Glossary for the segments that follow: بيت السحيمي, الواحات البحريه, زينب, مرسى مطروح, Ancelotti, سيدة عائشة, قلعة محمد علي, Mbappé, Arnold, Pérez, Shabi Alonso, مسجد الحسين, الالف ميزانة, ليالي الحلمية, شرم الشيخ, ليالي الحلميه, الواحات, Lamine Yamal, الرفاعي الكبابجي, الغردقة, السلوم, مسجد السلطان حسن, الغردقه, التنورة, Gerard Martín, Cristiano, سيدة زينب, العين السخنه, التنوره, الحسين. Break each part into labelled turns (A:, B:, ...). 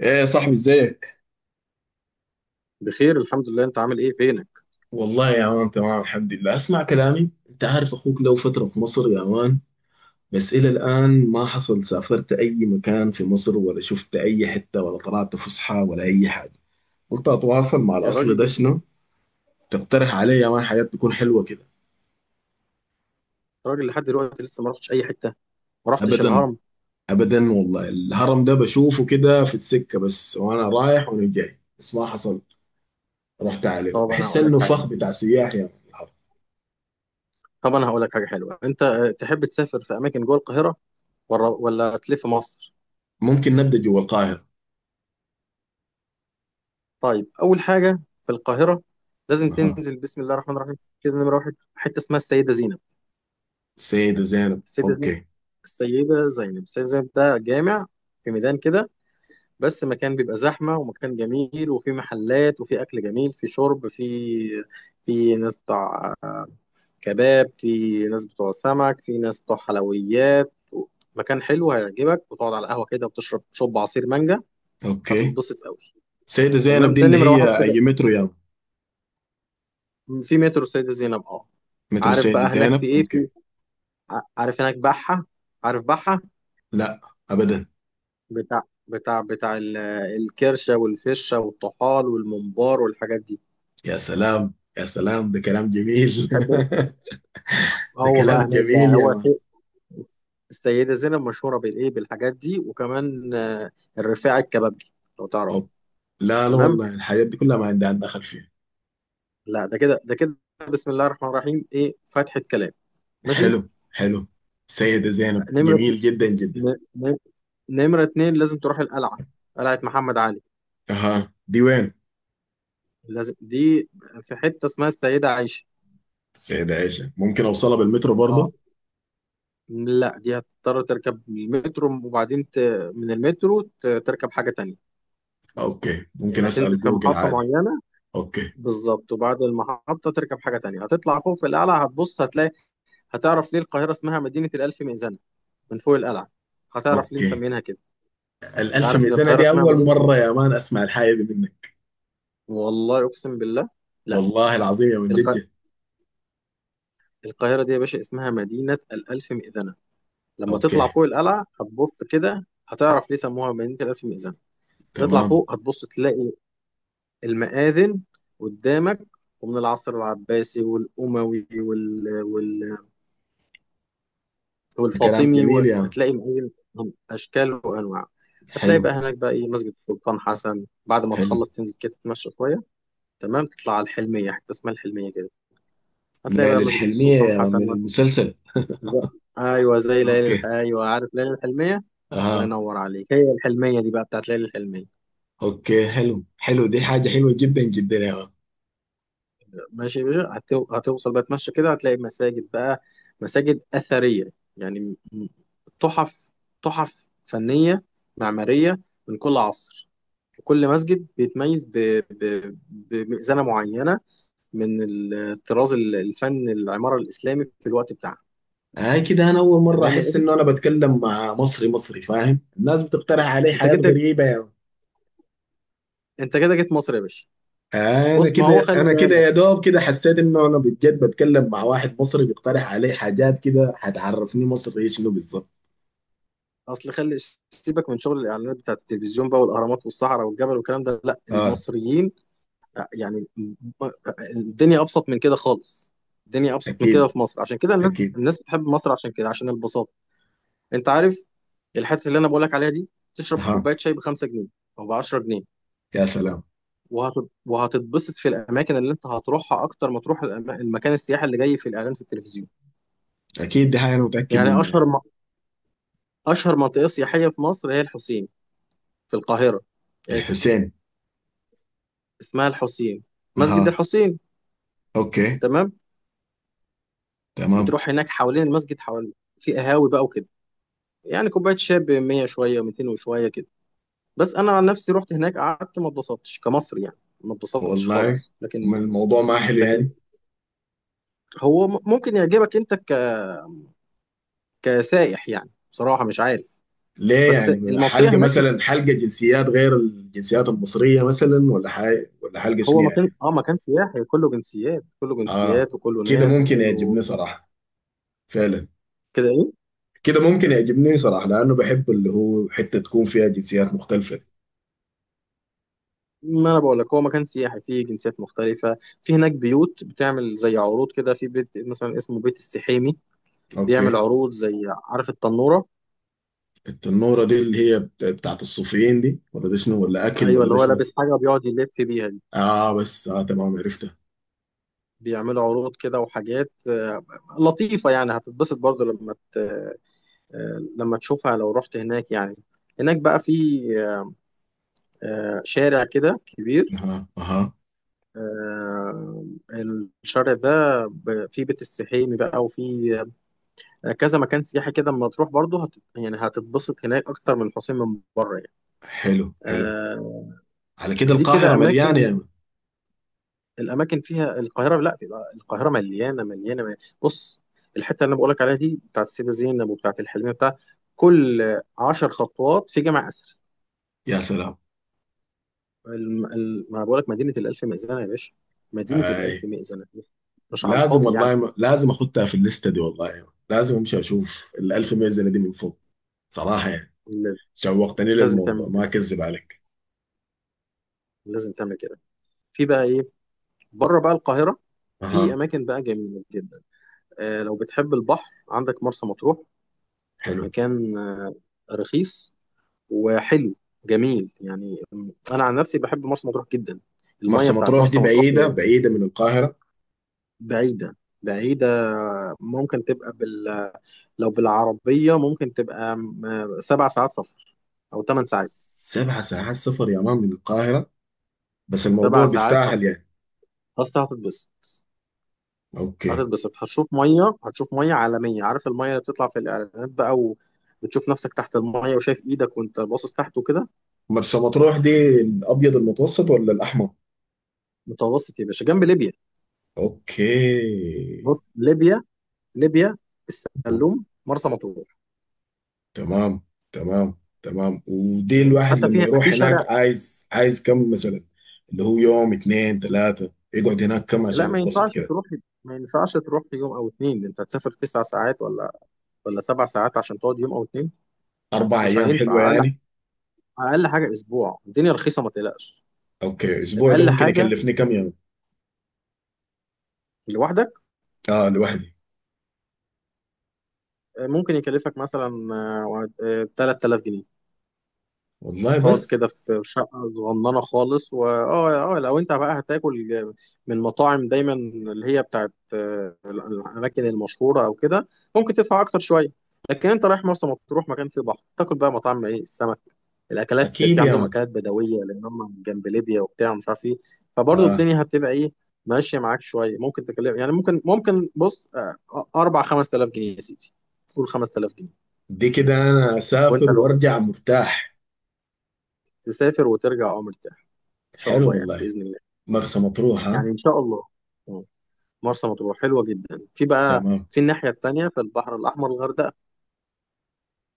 A: ايه يا صاحبي ازيك؟
B: بخير، الحمد لله. انت عامل ايه؟ فينك؟
A: والله يا مان تمام، الحمد لله. اسمع كلامي، انت عارف اخوك له فترة في مصر يا مان، بس الى الان ما حصل سافرت اي مكان في مصر ولا شفت اي حتة ولا طلعت فسحة ولا اي حاجة. قلت اتواصل مع
B: يا
A: الاصل،
B: راجل
A: ده
B: ليه كده؟
A: شنو تقترح علي يا مان حاجات تكون حلوة كده؟
B: يا راجل، لحد دلوقتي لسه ما رحتش اي حته، ما رحتش
A: ابدا.
B: الهرم.
A: ابدا والله، الهرم ده بشوفه كده في السكة بس، وانا رايح وانا جاي، بس ما حصل. رحت عليه
B: طب انا
A: بحس
B: هقول لك
A: انه
B: حاجه
A: فخ بتاع سياح يا مان الهرم.
B: طب انا هقول لك حاجه حلوه. انت تحب تسافر في اماكن جوه القاهره ولا تلف مصر؟
A: ممكن نبدا جوا القاهرة.
B: طيب، اول حاجه في القاهره، لازم
A: اها.
B: تنزل، بسم الله الرحمن الرحيم، كده نمره واحد حته اسمها
A: سيدة زينب،
B: السيده زينب
A: اوكي.
B: السيده زينب ده جامع في ميدان كده، بس مكان بيبقى زحمه ومكان جميل، وفي محلات وفي اكل جميل، في شرب، في ناس كباب، في ناس بتوع سمك، في ناس بتوع حلويات. مكان حلو هيعجبك، وتقعد على القهوة كده وتشرب شوب عصير مانجا.
A: اوكي،
B: هتتبسط قوي.
A: سيدة زينب
B: تمام،
A: دي
B: ده
A: اللي
B: نمرة واحد
A: هي
B: كده.
A: اي مترو يعني؟
B: في مترو سيدة زينب، اه.
A: مترو
B: عارف
A: سيدة
B: بقى هناك في
A: زينب،
B: ايه؟
A: اوكي.
B: في عارف هناك بحة؟ عارف بحة؟
A: لا، ابدا.
B: بتاع بتاع الكرشة والفشة والطحال والممبار والحاجات دي.
A: يا سلام يا سلام، ده كلام جميل.
B: تحب؟
A: ده
B: هو بقى
A: كلام
B: هناك
A: جميل
B: بقى،
A: يا
B: هو
A: مان.
B: في السيدة زينب مشهورة بالايه، بالحاجات دي، وكمان الرفاعي الكبابجي لو تعرف.
A: أوب. لا لا
B: تمام.
A: والله، الحاجات دي كلها ما عندها دخل فيها.
B: لا ده كده، ده كده، بسم الله الرحمن الرحيم، ايه فتحة كلام! ماشي.
A: حلو حلو. سيدة زينب
B: نمرة
A: جميل جدا جدا.
B: ن- ن- نمرة اتنين لازم تروح القلعة، قلعة محمد علي.
A: اها، دي وين؟
B: لازم دي، في حتة اسمها السيدة عائشة.
A: سيدة عائشة، ممكن اوصلها بالمترو
B: اه.
A: برضه؟
B: لا، دي هتضطر تركب المترو، وبعدين من المترو تركب حاجة تانية.
A: اوكي. ممكن
B: يعني هتنزل
A: اسأل
B: في
A: جوجل
B: محطة
A: عادي.
B: معينة
A: اوكي.
B: بالظبط، وبعد المحطة تركب حاجة تانية، هتطلع فوق في القلعة، هتبص هتلاقي، هتعرف ليه القاهرة اسمها مدينة الألف مئذنة. من فوق القلعة هتعرف ليه
A: اوكي،
B: مسمينها كده. انت
A: الالف
B: عارف ان
A: ميزانة
B: القاهرة
A: دي
B: اسمها
A: اول
B: مدينة؟
A: مرة يا مان اسمع الحاجة دي منك.
B: والله اقسم بالله، لا
A: والله العظيم يا من،
B: الق...
A: جد؟
B: القاهره دي يا باشا اسمها مدينه الالف مئذنه. لما تطلع
A: اوكي،
B: فوق القلعه هتبص كده، هتعرف ليه سموها مدينه الالف مئذنه. هتطلع
A: تمام.
B: فوق هتبص، تلاقي المآذن قدامك، ومن العصر العباسي والاموي
A: ده كلام
B: والفاطمي،
A: جميل يا من.
B: وهتلاقي مآذن من اشكال وانواع. هتلاقي
A: حلو
B: بقى هناك بقى ايه، مسجد السلطان حسن. بعد ما
A: حلو.
B: تخلص تنزل كده تتمشى شويه. تمام، تطلع على الحلميه، حته اسمها الحلميه كده، هتلاقي بقى
A: ليالي
B: مسجد
A: الحلمية
B: السلطان
A: يا من،
B: حسن.
A: من المسلسل.
B: زي... ايوه، زي ليالي
A: اوكي.
B: ايوه، عارف ليالي الحلميه. الله
A: اها.
B: ينور عليك. هي الحلميه دي بقى بتاعت ليالي الحلميه.
A: اوكي، حلو حلو، دي حاجة حلوة جدا جدا يا من.
B: ماشي يا باشا، هتوصل بقى، تمشي كده هتلاقي مساجد بقى، مساجد اثريه، يعني م- تحف، تحف فنيه معماريه، من كل عصر. وكل مسجد بيتميز بمئذنه معينه، من الطراز الفن العماره الاسلامي في الوقت بتاعها.
A: هاي كده، انا اول مرة
B: تمام يا
A: احس
B: باشا.
A: انه انا بتكلم مع مصري مصري فاهم، الناس بتقترح علي
B: انت
A: حاجات
B: جيت
A: غريبة يا من.
B: انت كده جيت مصر يا باشا؟
A: انا
B: بص، ما هو
A: كده
B: خلي
A: انا كده
B: بالك،
A: يا دوب كده، حسيت انه انا بجد بتكلم مع واحد مصري بيقترح علي حاجات كده، هتعرفني مصري شنو بالظبط.
B: اصل خلي سيبك من شغل الاعلانات بتاعت التلفزيون بقى، والاهرامات والصحراء والجبل والكلام ده، لا
A: اه.
B: المصريين يعني. الدنيا ابسط من كده خالص. الدنيا ابسط من كده
A: اكيد
B: في مصر، عشان كده الناس
A: اكيد.
B: الناس بتحب مصر، عشان كده، عشان البساطه. انت عارف، الحته اللي انا بقول لك عليها دي، تشرب
A: اها.
B: كوبايه شاي ب 5 جنيه او ب 10 جنيه،
A: يا سلام.
B: وهتتبسط في الاماكن اللي انت هتروحها اكتر ما تروح المكان السياحي اللي جاي في الاعلان في التلفزيون.
A: اكيد، دي حاجة انا متأكد
B: يعني
A: منها يا من.
B: اشهر منطقه سياحيه في مصر هي الحسين، في القاهره. اسف،
A: الحسين.
B: اسمها الحسين، مسجد
A: اها.
B: الحسين.
A: اوكي،
B: تمام.
A: تمام.
B: بتروح هناك حوالين المسجد، حوالين، في قهاوي بقى وكده، يعني كوبايه شاي ب 100 شويه و200 وشويه كده. بس انا عن نفسي رحت هناك قعدت، ما اتبسطتش كمصري يعني، ما اتبسطتش
A: والله،
B: خالص. لكن،
A: ما الموضوع ما حلو
B: لكن
A: يعني.
B: هو م- ممكن يعجبك انت كسائح يعني، بصراحه مش عارف.
A: ليه
B: بس
A: يعني؟
B: المنطقه
A: حلقة
B: هناك،
A: مثلا، حلقة جنسيات غير الجنسيات المصرية مثلا، ولا حاجة، ولا حلقة شنو
B: هو
A: يعني؟
B: مكان، مكان سياحي، كله جنسيات، كله
A: اه.
B: جنسيات، وكله
A: كده
B: ناس،
A: ممكن
B: وكله
A: يعجبني صراحة، فعلا.
B: كده.
A: كده ممكن يعجبني صراحة لأنه بحب اللي هو حتة تكون فيها جنسيات مختلفة.
B: ما انا بقول لك، هو مكان سياحي فيه جنسيات مختلفه. في هناك بيوت بتعمل زي عروض كده، في بيت مثلا اسمه بيت السحيمي، بيعمل
A: اوكي.
B: عروض، زي عارف التنوره؟
A: التنورة دي اللي هي بتاعت الصوفيين دي، ولا ده شنو، ولا أكل،
B: ايوه،
A: ولا
B: اللي
A: ده
B: هو
A: شنو؟
B: لابس حاجه وبيقعد يلف بيها دي.
A: اه بس، اه تمام، عرفتها.
B: بيعملوا عروض كده وحاجات لطيفه يعني، هتتبسط برضه لما ت... آه، لما تشوفها لو رحت هناك يعني. هناك بقى في شارع كده كبير،
A: اها اها.
B: آه، الشارع ده فيه بيت السحيمي بقى، وفيه كذا مكان سياحي كده، اما تروح برضه يعني هتتبسط هناك اكتر من الحسين من بره يعني.
A: حلو حلو.
B: آه
A: على كده
B: دي
A: القاهرة
B: كده
A: مليانة يا
B: اماكن،
A: مان.
B: الاماكن فيها القاهره، لا القاهره مليانه، مليانه، مليانة. بص، الحته اللي انا بقولك عليها دي بتاعت السيده زينب وبتاعت الحلميه، بتاع، كل 10 خطوات في جامع اثري.
A: يا سلام.
B: ما بقولك مدينه الالف مئذنه يا باشا. مدينه
A: اي،
B: الالف مئذنه، مش على
A: لازم
B: الفاضي يعني.
A: والله، لازم اخدها في الليستة دي والله يا مان. لازم امشي اشوف الألف ميزة دي من فوق، صراحة يعني.
B: لازم
A: شوقتني
B: لازم تعمل
A: للموضوع، ما
B: كده،
A: اكذب عليك.
B: لازم تعمل كده. في بقى ايه بره بقى القاهره، في
A: اها.
B: اماكن بقى جميله جدا. لو بتحب البحر، عندك مرسى مطروح.
A: حلو.
B: مكان رخيص وحلو، جميل يعني. انا عن نفسي بحب مرسى مطروح جدا، المية
A: مرسى
B: بتاعت
A: مطروح دي
B: مرسى مطروح.
A: بعيدة بعيدة من القاهرة؟
B: بعيدة، بعيدة. ممكن تبقى لو بالعربية ممكن تبقى 7 ساعات سفر، أو 8 ساعات.
A: 7 ساعات سفر يا مان من القاهرة؟ بس
B: سبع
A: الموضوع
B: ساعات
A: بيستاهل
B: سفر
A: يعني.
B: بس هتتبسط
A: اوكي.
B: هتتبسط هتشوف مية، هتشوف مية عالمية، عارف المية اللي بتطلع في الإعلانات بقى، وبتشوف نفسك تحت المية، وشايف إيدك وأنت باصص تحت وكده.
A: مرسى مطروح دي الابيض المتوسط ولا الاحمر؟
B: متوسط يا باشا، جنب ليبيا.
A: اوكي.
B: بص، ليبيا، ليبيا، السلوم، مرسى مطروح.
A: تمام تمام تمام. ودي
B: فاهم؟
A: الواحد
B: حتى
A: لما
B: في
A: يروح
B: في
A: هناك
B: شارع.
A: عايز عايز كم مثلا؟ اللي هو يوم اتنين تلاتة يقعد هناك، كم
B: لا
A: عشان
B: ما
A: يتبسط
B: ينفعش
A: كده؟
B: تروح، ما ينفعش تروح يوم او اتنين. انت هتسافر 9 ساعات ولا 7 ساعات عشان تقعد يوم او اتنين؟
A: أربع
B: مش
A: أيام حلوة
B: هينفع اقل.
A: يعني.
B: اقل حاجه اسبوع، الدنيا رخيصه، ما تقلقش.
A: أوكي، الأسبوع ده
B: اقل
A: ممكن
B: حاجه
A: يكلفني كم يوم؟
B: لوحدك
A: آه، لوحدي.
B: ممكن يكلفك مثلا، 3000 جنيه.
A: والله؟
B: تقعد
A: بس.
B: كده في شقة صغننة خالص. واه اه آه، لو انت بقى هتاكل من مطاعم دايما، اللي هي بتاعت الأماكن المشهورة أو كده، ممكن تدفع أكتر شوية. لكن انت رايح مرسى مطروح، مكان فيه بحر، تاكل بقى مطاعم ايه، السمك، الأكلات.
A: أكيد
B: في
A: يا
B: عندهم
A: مان.
B: أكلات بدوية لأن هم جنب ليبيا وبتاع، ومش عارف ايه. فبرضه
A: آه.
B: الدنيا هتبقى ايه، ماشية معاك شوية، ممكن تكلم يعني، ممكن بص، أربع خمس آلاف جنيه يا سيدي. قول 5000 جنيه.
A: دي كده أنا
B: وأنت
A: أسافر
B: لو
A: وأرجع مرتاح.
B: تسافر وترجع أمر مرتاح، إن شاء
A: حلو
B: الله يعني،
A: والله.
B: بإذن الله،
A: مرسى مطروح، ها.
B: يعني ان شاء الله. مم. مرسى مطروح حلوه جدا. في بقى
A: تمام.
B: في الناحيه التانيه في البحر الاحمر الغردقه.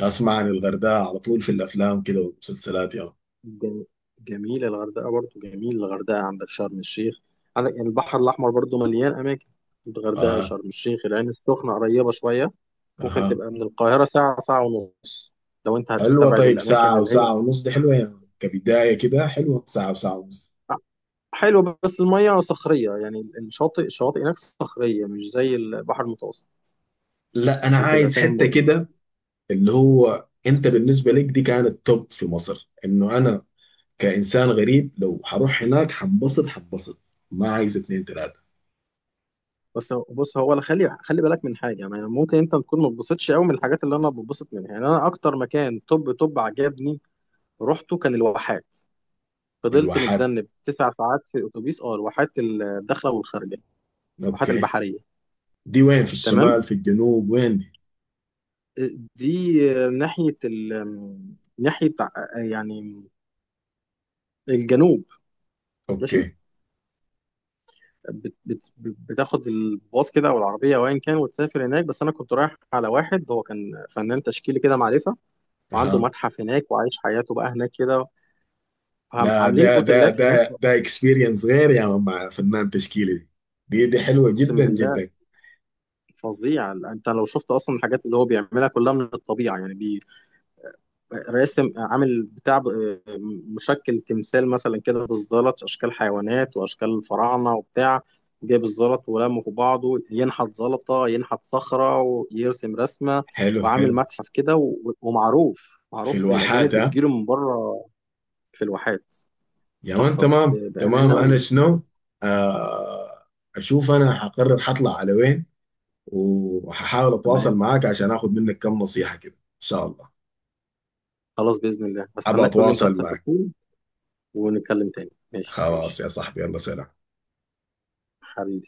A: أسمع عن الغردقة على طول في الأفلام كده والمسلسلات يا مان.
B: جم- جميله الغردقه برضو، جميل الغردقه، عندك شرم الشيخ، عندك يعني البحر الاحمر برضو مليان اماكن، الغردقه،
A: آه.
B: شرم الشيخ. العين السخنه قريبه شويه. ممكن
A: أها.
B: تبقى من القاهره ساعه، ساعه ونص، لو انت
A: حلوة،
B: هتستبعد
A: طيب
B: الاماكن
A: ساعة
B: اللي هي
A: وساعة ونص دي حلوة يعني، كبداية كده حلوة ساعة وساعة ونص.
B: حلوه. بس الميه صخريه يعني، الشواطئ هناك صخريه، مش زي البحر المتوسط،
A: لا، أنا
B: عشان تبقى
A: عايز
B: فاهم
A: حتة
B: برضو.
A: كده اللي هو أنت بالنسبة لك دي كانت توب في مصر، إنه أنا كإنسان غريب لو هروح هناك حنبسط حنبسط. ما عايز اتنين تلاتة.
B: بس بص، هو انا خلي بالك من حاجه يعني، ممكن انت تكون ما تبسطش قوي من الحاجات اللي انا بتبسط منها. يعني انا اكتر مكان طب عجبني رحته كان الواحات. فضلت
A: الواحات،
B: متذنب 9 ساعات في الاتوبيس، الواحات الداخله والخارجه، الواحات
A: أوكي.
B: البحريه.
A: دي وين، في
B: تمام.
A: الشمال في الجنوب؟ وين دي؟
B: آه، دي ناحيه ال ناحيه يعني الجنوب. ماشي.
A: أوكي.
B: بتاخد الباص كده او العربيه او ايا كان وتسافر هناك. بس انا كنت رايح على واحد، هو كان فنان تشكيلي كده، معرفه، وعنده
A: أها.
B: متحف هناك، وعايش حياته بقى هناك كده.
A: لا،
B: عاملين
A: ده ده
B: اوتيلات هناك.
A: ده ده اكسبيرينس غير يا مان، مع فنان تشكيلي دي، دي حلوة
B: اقسم
A: جدا
B: بالله
A: جدا.
B: فظيع. انت لو شفت اصلا الحاجات اللي هو بيعملها كلها من الطبيعه، يعني راسم، عامل بتاع، مشكل تمثال مثلا كده بالزلط، اشكال حيوانات واشكال الفراعنه وبتاع. جايب الزلط ولمه في بعضه، ينحت زلطه، ينحت صخره، ويرسم رسمه.
A: حلو حلو.
B: وعامل متحف كده، ومعروف،
A: في
B: معروف،
A: الواحات.
B: الاجانب بتجيله من بره، في الواحات.
A: يا مان،
B: تحفه
A: تمام تمام.
B: بامانه
A: انا شنو؟ آه. اشوف انا حقرر حطلع على وين، وهحاول اتواصل
B: تمام.
A: معاك عشان اخذ منك كم نصيحة كده، ان شاء الله.
B: خلاص، بإذن الله
A: ابى
B: هستناك تقول لي انت
A: اتواصل
B: هتسافر
A: معك.
B: فين، ونتكلم تاني. ماشي،
A: خلاص
B: ماشي
A: يا صاحبي، يلا سلام.
B: حبيبي.